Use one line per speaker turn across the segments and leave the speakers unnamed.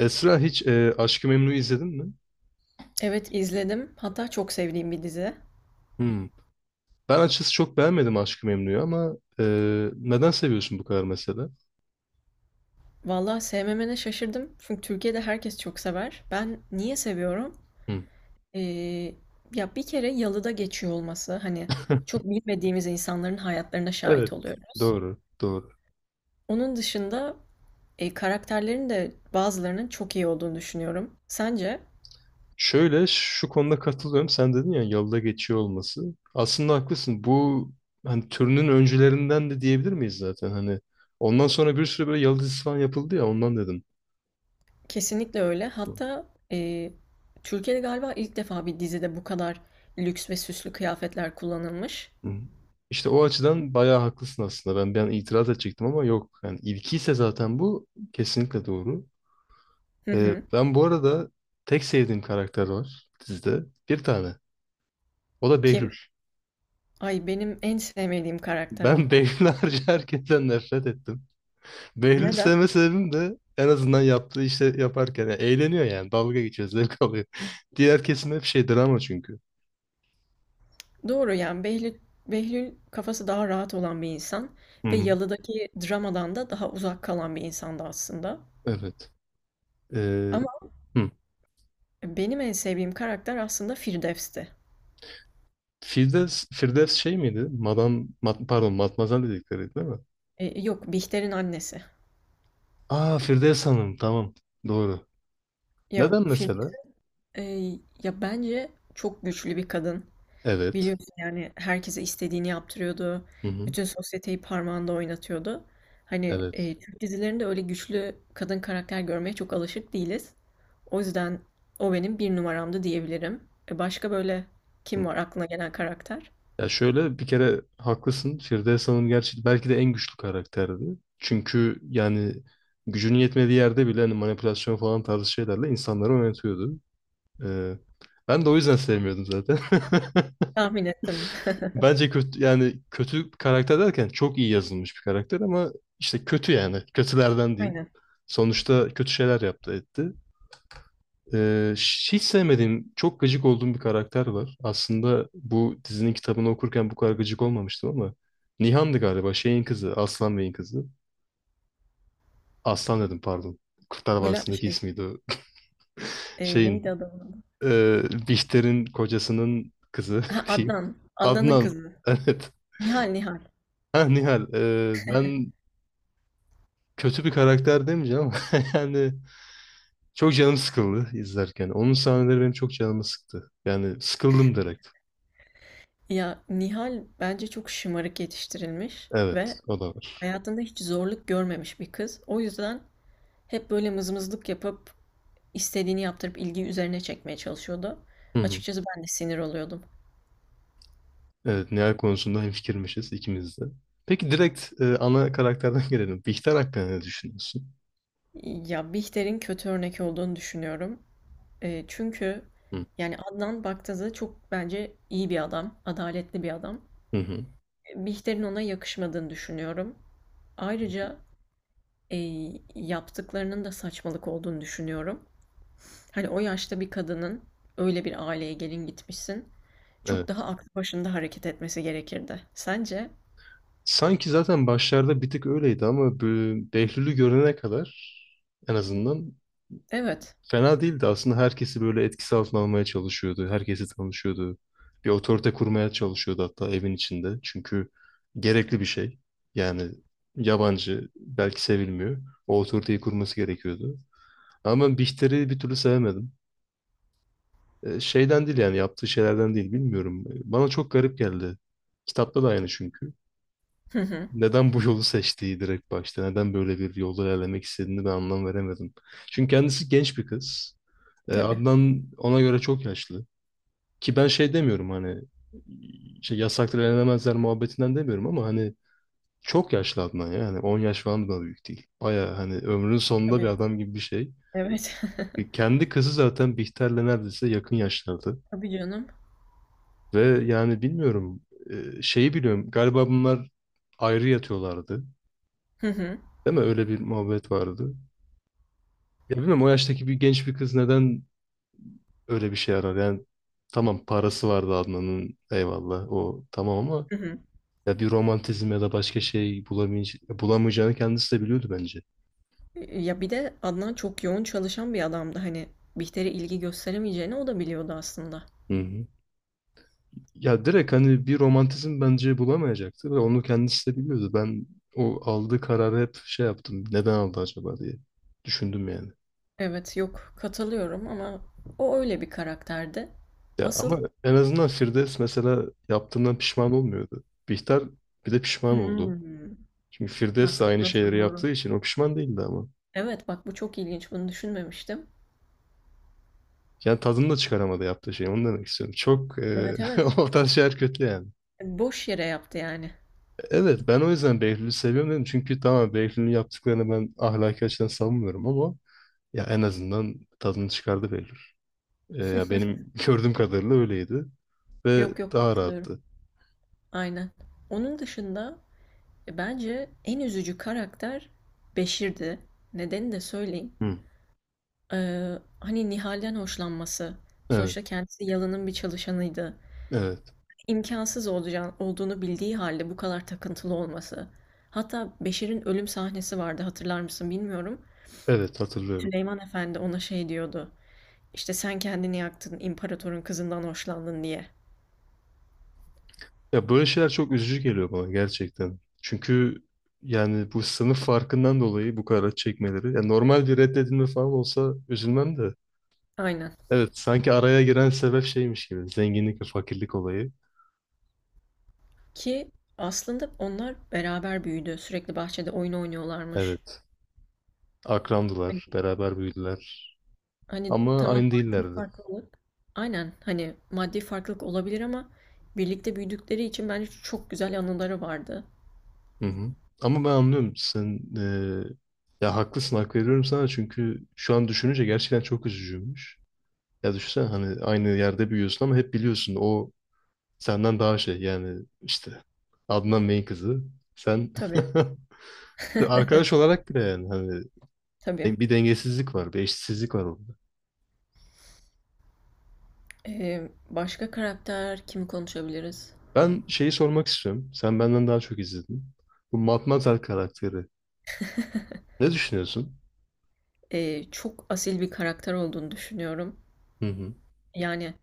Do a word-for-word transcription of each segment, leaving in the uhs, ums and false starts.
Esra hiç e, Aşk-ı Memnu'yu izledin mi?
Evet, izledim. Hatta çok sevdiğim bir dizi.
Hmm. Ben açıkçası çok beğenmedim Aşk-ı Memnu'yu ama e, neden seviyorsun bu kadar mesela?
Valla sevmemene şaşırdım. Çünkü Türkiye'de herkes çok sever. Ben niye seviyorum?
Hmm.
Ee, Ya bir kere yalıda geçiyor olması. Hani çok bilmediğimiz insanların hayatlarına şahit
Evet.
oluyoruz.
Doğru, doğru.
Onun dışında e, karakterlerin de bazılarının çok iyi olduğunu düşünüyorum. Sence?
Şöyle şu konuda katılıyorum. Sen dedin ya yolda geçiyor olması. Aslında haklısın. Bu hani türünün öncülerinden de diyebilir miyiz zaten? Hani ondan sonra bir sürü böyle yalı dizisi falan yapıldı ya ondan dedim.
Kesinlikle öyle. Hatta e, Türkiye'de galiba ilk defa bir dizide bu kadar lüks ve süslü kıyafetler kullanılmış.
Hmm. İşte o açıdan bayağı haklısın aslında. Ben ben itiraz edecektim ama yok. Yani ilkiyse zaten bu kesinlikle doğru.
Hı
Ee,
hı.
ben bu arada tek sevdiğim karakter var dizide. Bir tane. O da Behlül.
Kim? Ay benim en sevmediğim karakter o.
Ben Behlül harici herkesten nefret ettim. Behlül
Neden?
sevme sebebim de en azından yaptığı işte yaparken yani eğleniyor yani. Dalga geçiyor, zevk alıyor. Diğer kesim hep şey drama çünkü.
Doğru yani Behlül, Behlül kafası daha rahat olan bir insan
Hı
ve
hı.
yalıdaki dramadan da daha uzak kalan bir insandı aslında.
Evet. Ee,
Ama
hı.
benim en sevdiğim karakter aslında Firdevs'ti.
Firdevs, Firdevs şey miydi? Madam, Mad- pardon, Matmazel dedikleri değil mi?
E, yok, Bihter'in annesi.
Aa, Firdevs Hanım, tamam. Doğru.
Ya
Neden mesela?
Firdevs e, ya bence çok güçlü bir kadın.
Evet.
Biliyorsun yani herkese istediğini yaptırıyordu.
Hı hı.
Bütün sosyeteyi parmağında oynatıyordu. Hani
Evet.
e, Türk dizilerinde öyle güçlü kadın karakter görmeye çok alışık değiliz. O yüzden o benim bir numaramdı diyebilirim. E, başka böyle kim
Hı.
var aklına gelen karakter?
Ya şöyle bir kere haklısın. Firdevs Hanım gerçi belki de en güçlü karakterdi. Çünkü yani gücünün yetmediği yerde bile hani manipülasyon falan tarzı şeylerle insanları yönetiyordu. Ee, ben de o yüzden sevmiyordum zaten.
Tahmin ettim.
Bence kötü, yani kötü karakter derken çok iyi yazılmış bir karakter ama işte kötü yani. Kötülerden diyeyim.
Aynen.
Sonuçta kötü şeyler yaptı etti. Ee, hiç sevmediğim, çok gıcık olduğum bir karakter var. Aslında bu dizinin kitabını okurken bu kadar gıcık olmamıştım ama Nihan'dı galiba, şeyin kızı, Aslan Bey'in kızı. Aslan dedim, pardon. Kurtlar
Bula
Vadisi'ndeki
şey
ismiydi o.
e,
Şeyin,
neydi adamın adı?
e, Bihter'in kocasının kızı
Ha,
diyeyim.
Adnan. Adnan'ın
Adnan,
kızı.
evet.
Nihal, Nihal.
Ha, Nihal, e, ben kötü bir karakter demeyeceğim ama yani çok canım sıkıldı izlerken. Onun sahneleri benim çok canımı sıktı. Yani sıkıldım direkt.
Ya Nihal bence çok şımarık yetiştirilmiş
Evet,
ve
o da var.
hayatında hiç zorluk görmemiş bir kız. O yüzden hep böyle mızmızlık yapıp, istediğini yaptırıp ilgiyi üzerine çekmeye çalışıyordu.
Hı hı.
Açıkçası ben de sinir oluyordum.
Evet, Nihal konusunda hemfikirmişiz ikimiz de. Peki direkt e, ana karakterden gelelim. Bihter hakkında ne düşünüyorsun?
Ya, Bihter'in kötü örnek olduğunu düşünüyorum. Eee, çünkü
Hı
yani Adnan baktığında çok bence iyi bir adam, adaletli bir adam.
hı. Hı.
Eee, Bihter'in ona yakışmadığını düşünüyorum. Ayrıca, eee, yaptıklarının da saçmalık olduğunu düşünüyorum. Hani o yaşta bir kadının öyle bir aileye gelin gitmişsin, çok
Evet.
daha aklı başında hareket etmesi gerekirdi. Sence?
Sanki zaten başlarda bir tık öyleydi ama bu Behlül'ü görene kadar en azından
Evet.
fena değildi. Aslında herkesi böyle etkisi altına almaya çalışıyordu. Herkesi tanışıyordu. Bir otorite kurmaya çalışıyordu hatta evin içinde. Çünkü gerekli bir şey. Yani yabancı belki sevilmiyor. O otoriteyi kurması gerekiyordu. Ama ben Bihter'i bir türlü sevemedim. E, şeyden değil, yani yaptığı şeylerden değil, bilmiyorum. E, Bana çok garip geldi. Kitapta da aynı çünkü. Neden bu yolu seçtiği direkt başta, neden böyle bir yolda ilerlemek istediğini ben anlam veremedim. Çünkü kendisi genç bir kız. E,
Tabii,
Adnan ona göre çok yaşlı. Ki ben şey demiyorum, hani şey yasaktır, elenemezler muhabbetinden demiyorum ama hani çok yaşlı Adnan ya. Yani on yaş falan da büyük değil. Baya hani ömrünün sonunda bir
tabii.
adam gibi bir şey.
Evet.
E, Kendi kızı zaten Bihter'le neredeyse yakın yaşlarda.
Tabii canım.
Ve yani bilmiyorum, e, şeyi biliyorum galiba, bunlar ayrı yatıyorlardı.
Hı hı.
Değil mi? Öyle bir muhabbet vardı. Ya bilmiyorum, o yaştaki bir genç bir kız neden öyle bir şey arar? Yani tamam, parası vardı Adnan'ın, eyvallah, o tamam ama
Hı hı.
ya bir romantizm ya da başka şey bulamayacağını, bulamayacağını kendisi de biliyordu bence.
E, ya, bir de Adnan çok yoğun çalışan bir adamdı. Hani, Bihter'e ilgi gösteremeyeceğini o da biliyordu aslında.
Hı hı. Ya direkt hani bir romantizm bence bulamayacaktı ve onu kendisi de biliyordu. Ben o aldığı kararı hep şey yaptım. Neden aldı acaba diye düşündüm yani.
Evet, yok, katılıyorum ama o öyle bir karakterdi.
Ya
Asıl.
ama en azından Firdevs mesela yaptığından pişman olmuyordu. Bihter bir de pişman oldu.
Hımm.
Çünkü Firdevs de
Bak,
aynı
burası
şeyleri
doğru.
yaptığı için o pişman değildi ama.
Evet, bak bu çok ilginç. Bunu düşünmemiştim.
Yani tadını da çıkaramadı yaptığı şey. Onu demek istiyorum. Çok eee
Evet, evet.
o tarz şeyler kötü yani.
E, boş yere yaptı yani.
Evet, ben o yüzden Behlül'ü seviyorum dedim. Çünkü tamam, Behlül'ün yaptıklarını ben ahlaki açıdan savunmuyorum ama ya en azından tadını çıkardı Behlül. Eee, ya benim gördüğüm kadarıyla öyleydi. Ve
Yok, yok,
daha
katılıyorum.
rahattı.
Aynen. Onun dışında, E, bence en üzücü karakter Beşir'di. Nedeni de söyleyeyim.
Hı.
Ee, Hani Nihal'den hoşlanması.
Evet.
Sonuçta kendisi Yalın'ın bir çalışanıydı.
Evet.
İmkansız olacağını, olduğunu bildiği halde bu kadar takıntılı olması. Hatta Beşir'in ölüm sahnesi vardı, hatırlar mısın bilmiyorum.
Evet, hatırlıyorum.
Süleyman Efendi ona şey diyordu. İşte sen kendini yaktın, imparatorun kızından hoşlandın diye.
Ya böyle şeyler çok üzücü geliyor bana gerçekten. Çünkü yani bu sınıf farkından dolayı bu kadar acı çekmeleri. Ya normal bir reddedilme falan olsa üzülmem de.
Aynen.
Evet, sanki araya giren sebep şeymiş gibi. Zenginlik ve fakirlik olayı.
Ki aslında onlar beraber büyüdü. Sürekli bahçede oyun oynuyorlarmış.
Evet, akrandılar, beraber büyüdüler.
Hani
Ama
tamam
aynı
maddi
değillerdi.
farklılık. Aynen, hani maddi farklılık olabilir ama birlikte büyüdükleri için bence çok güzel anıları vardı.
Hı hı. Ama ben anlıyorum. Sen e, ya haklısın, hak veriyorum sana. Çünkü şu an düşününce gerçekten çok üzücüymüş. Ya düşünsene, hani aynı yerde büyüyorsun ama hep biliyorsun, o Senden daha şey, yani işte Adnan Bey'in kızı. Sen
Tabii.
işte arkadaş olarak bile, yani hani,
Tabii.
de- bir dengesizlik var, bir eşitsizlik var orada.
Ee, başka karakter kimi konuşabiliriz?
Ben şeyi sormak istiyorum. Sen benden daha çok izledin. Bu Matmazel karakteri. Ne düşünüyorsun?
Ee, çok asil bir karakter olduğunu düşünüyorum.
Hı hı.
Yani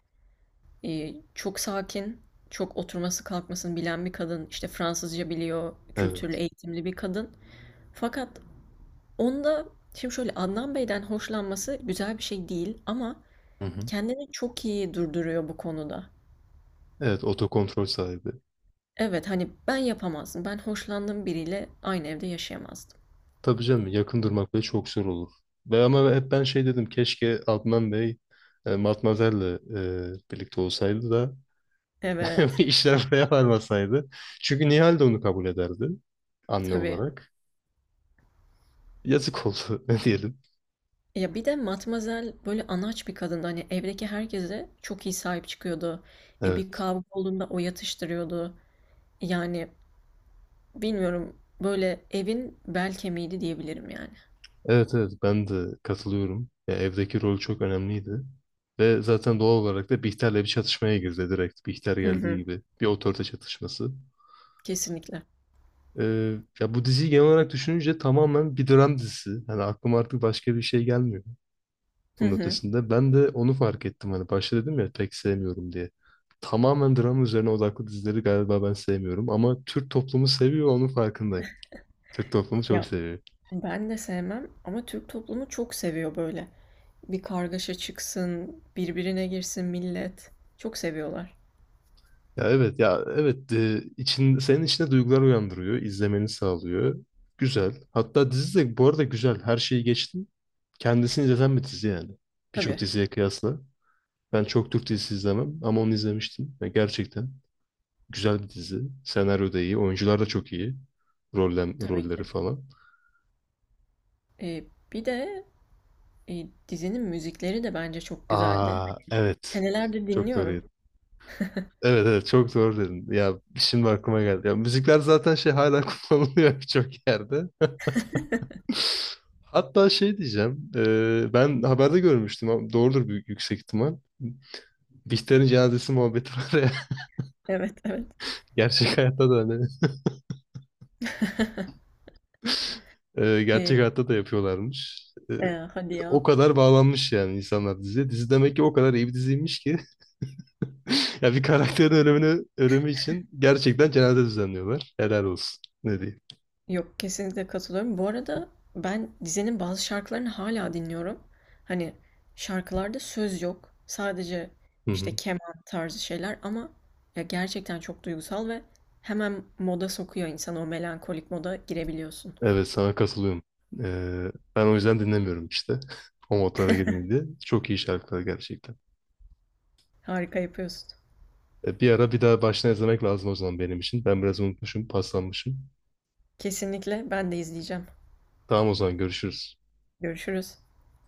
e, çok sakin, çok oturması kalkmasını bilen bir kadın. İşte Fransızca biliyor, kültürlü,
Evet.
eğitimli bir kadın. Fakat onda, şimdi şöyle, Adnan Bey'den hoşlanması güzel bir şey değil ama
Hı hı.
kendini çok iyi durduruyor bu konuda.
Evet, otokontrol sahibi.
Evet, hani ben yapamazdım. Ben hoşlandığım biriyle aynı evde yaşayamazdım.
Tabii canım, yakın durmak bile çok zor olur. Ve ama hep ben şey dedim: keşke Adnan Bey e, Matmazel'le e, birlikte olsaydı da
Evet,
İşler buraya varmasaydı. Çünkü Nihal de onu kabul ederdi anne
tabii.
olarak. Yazık oldu ne diyelim.
Ya bir de Matmazel böyle anaç bir kadındı. Hani evdeki herkese çok iyi sahip çıkıyordu. E, bir
Evet.
kavga olduğunda o yatıştırıyordu. Yani bilmiyorum, böyle evin bel kemiğiydi diyebilirim yani.
Evet, evet, ben de katılıyorum. Ya, evdeki rol çok önemliydi. Ve zaten doğal olarak da Bihter'le bir çatışmaya girdi direkt. Bihter
Hı
geldiği
hı,
gibi bir otorite çatışması.
kesinlikle.
Ee, ya bu diziyi genel olarak düşününce tamamen bir dram dizisi. Hani aklıma artık başka bir şey gelmiyor
Hı
bunun
hı.
ötesinde. Ben de onu fark ettim, hani başta dedim ya pek sevmiyorum diye. Tamamen drama üzerine odaklı dizileri galiba ben sevmiyorum ama Türk toplumu seviyor, onun farkındayım. Türk toplumu çok
Ya
seviyor.
ben de sevmem ama Türk toplumu çok seviyor böyle. Bir kargaşa çıksın, birbirine girsin millet. Çok seviyorlar.
Ya evet, ya evet, e, için senin içinde duygular uyandırıyor, izlemeni sağlıyor. Güzel. Hatta dizi de bu arada güzel. Her şeyi geçtim. Kendisini izleten bir dizi yani. Birçok
Tabii,
diziye kıyasla. Ben çok Türk dizisi izlemem ama onu izlemiştim. Ya, gerçekten. Güzel bir dizi. Senaryo da iyi. Oyuncular da çok iyi. Rollem,
tabii
rolleri
ki.
falan.
Eee, Bir de, eee, dizinin müzikleri de bence çok güzeldi.
Aa, evet.
Senelerdir
Çok doğru. yet-
dinliyorum.
Evet, evet, çok doğru dedin. Ya şimdi aklıma geldi. Ya müzikler zaten şey hala kullanılıyor birçok yerde. Hatta şey diyeceğim. E, ben haberde görmüştüm ama doğrudur, büyük yüksek ihtimal. Bihter'in cenazesi muhabbeti var ya.
Evet, evet.
Gerçek hayatta da hani. E, gerçek
Eee,
hayatta da yapıyorlarmış. E,
eee, hadi
o
ya.
kadar bağlanmış yani insanlar diziye. Dizi demek ki o kadar iyi bir diziymiş ki ya bir karakterin ölümünü, ölümü için gerçekten cenaze düzenliyorlar. Helal olsun. Ne diyeyim.
Yok, kesinlikle katılıyorum. Bu arada ben dizinin bazı şarkılarını hala dinliyorum. Hani şarkılarda söz yok. Sadece,
Hı
işte,
hı.
keman tarzı şeyler ama ya gerçekten çok duygusal ve hemen moda sokuyor insanı. O melankolik moda girebiliyorsun.
Evet, sana katılıyorum. Ee, ben o yüzden dinlemiyorum işte. O modlara girmeyeyim diye. Çok iyi şarkılar gerçekten.
Harika yapıyorsun.
E, bir ara bir daha baştan izlemek lazım o zaman benim için. Ben biraz unutmuşum, paslanmışım.
Kesinlikle ben de izleyeceğim.
Tamam, o zaman görüşürüz.
Görüşürüz.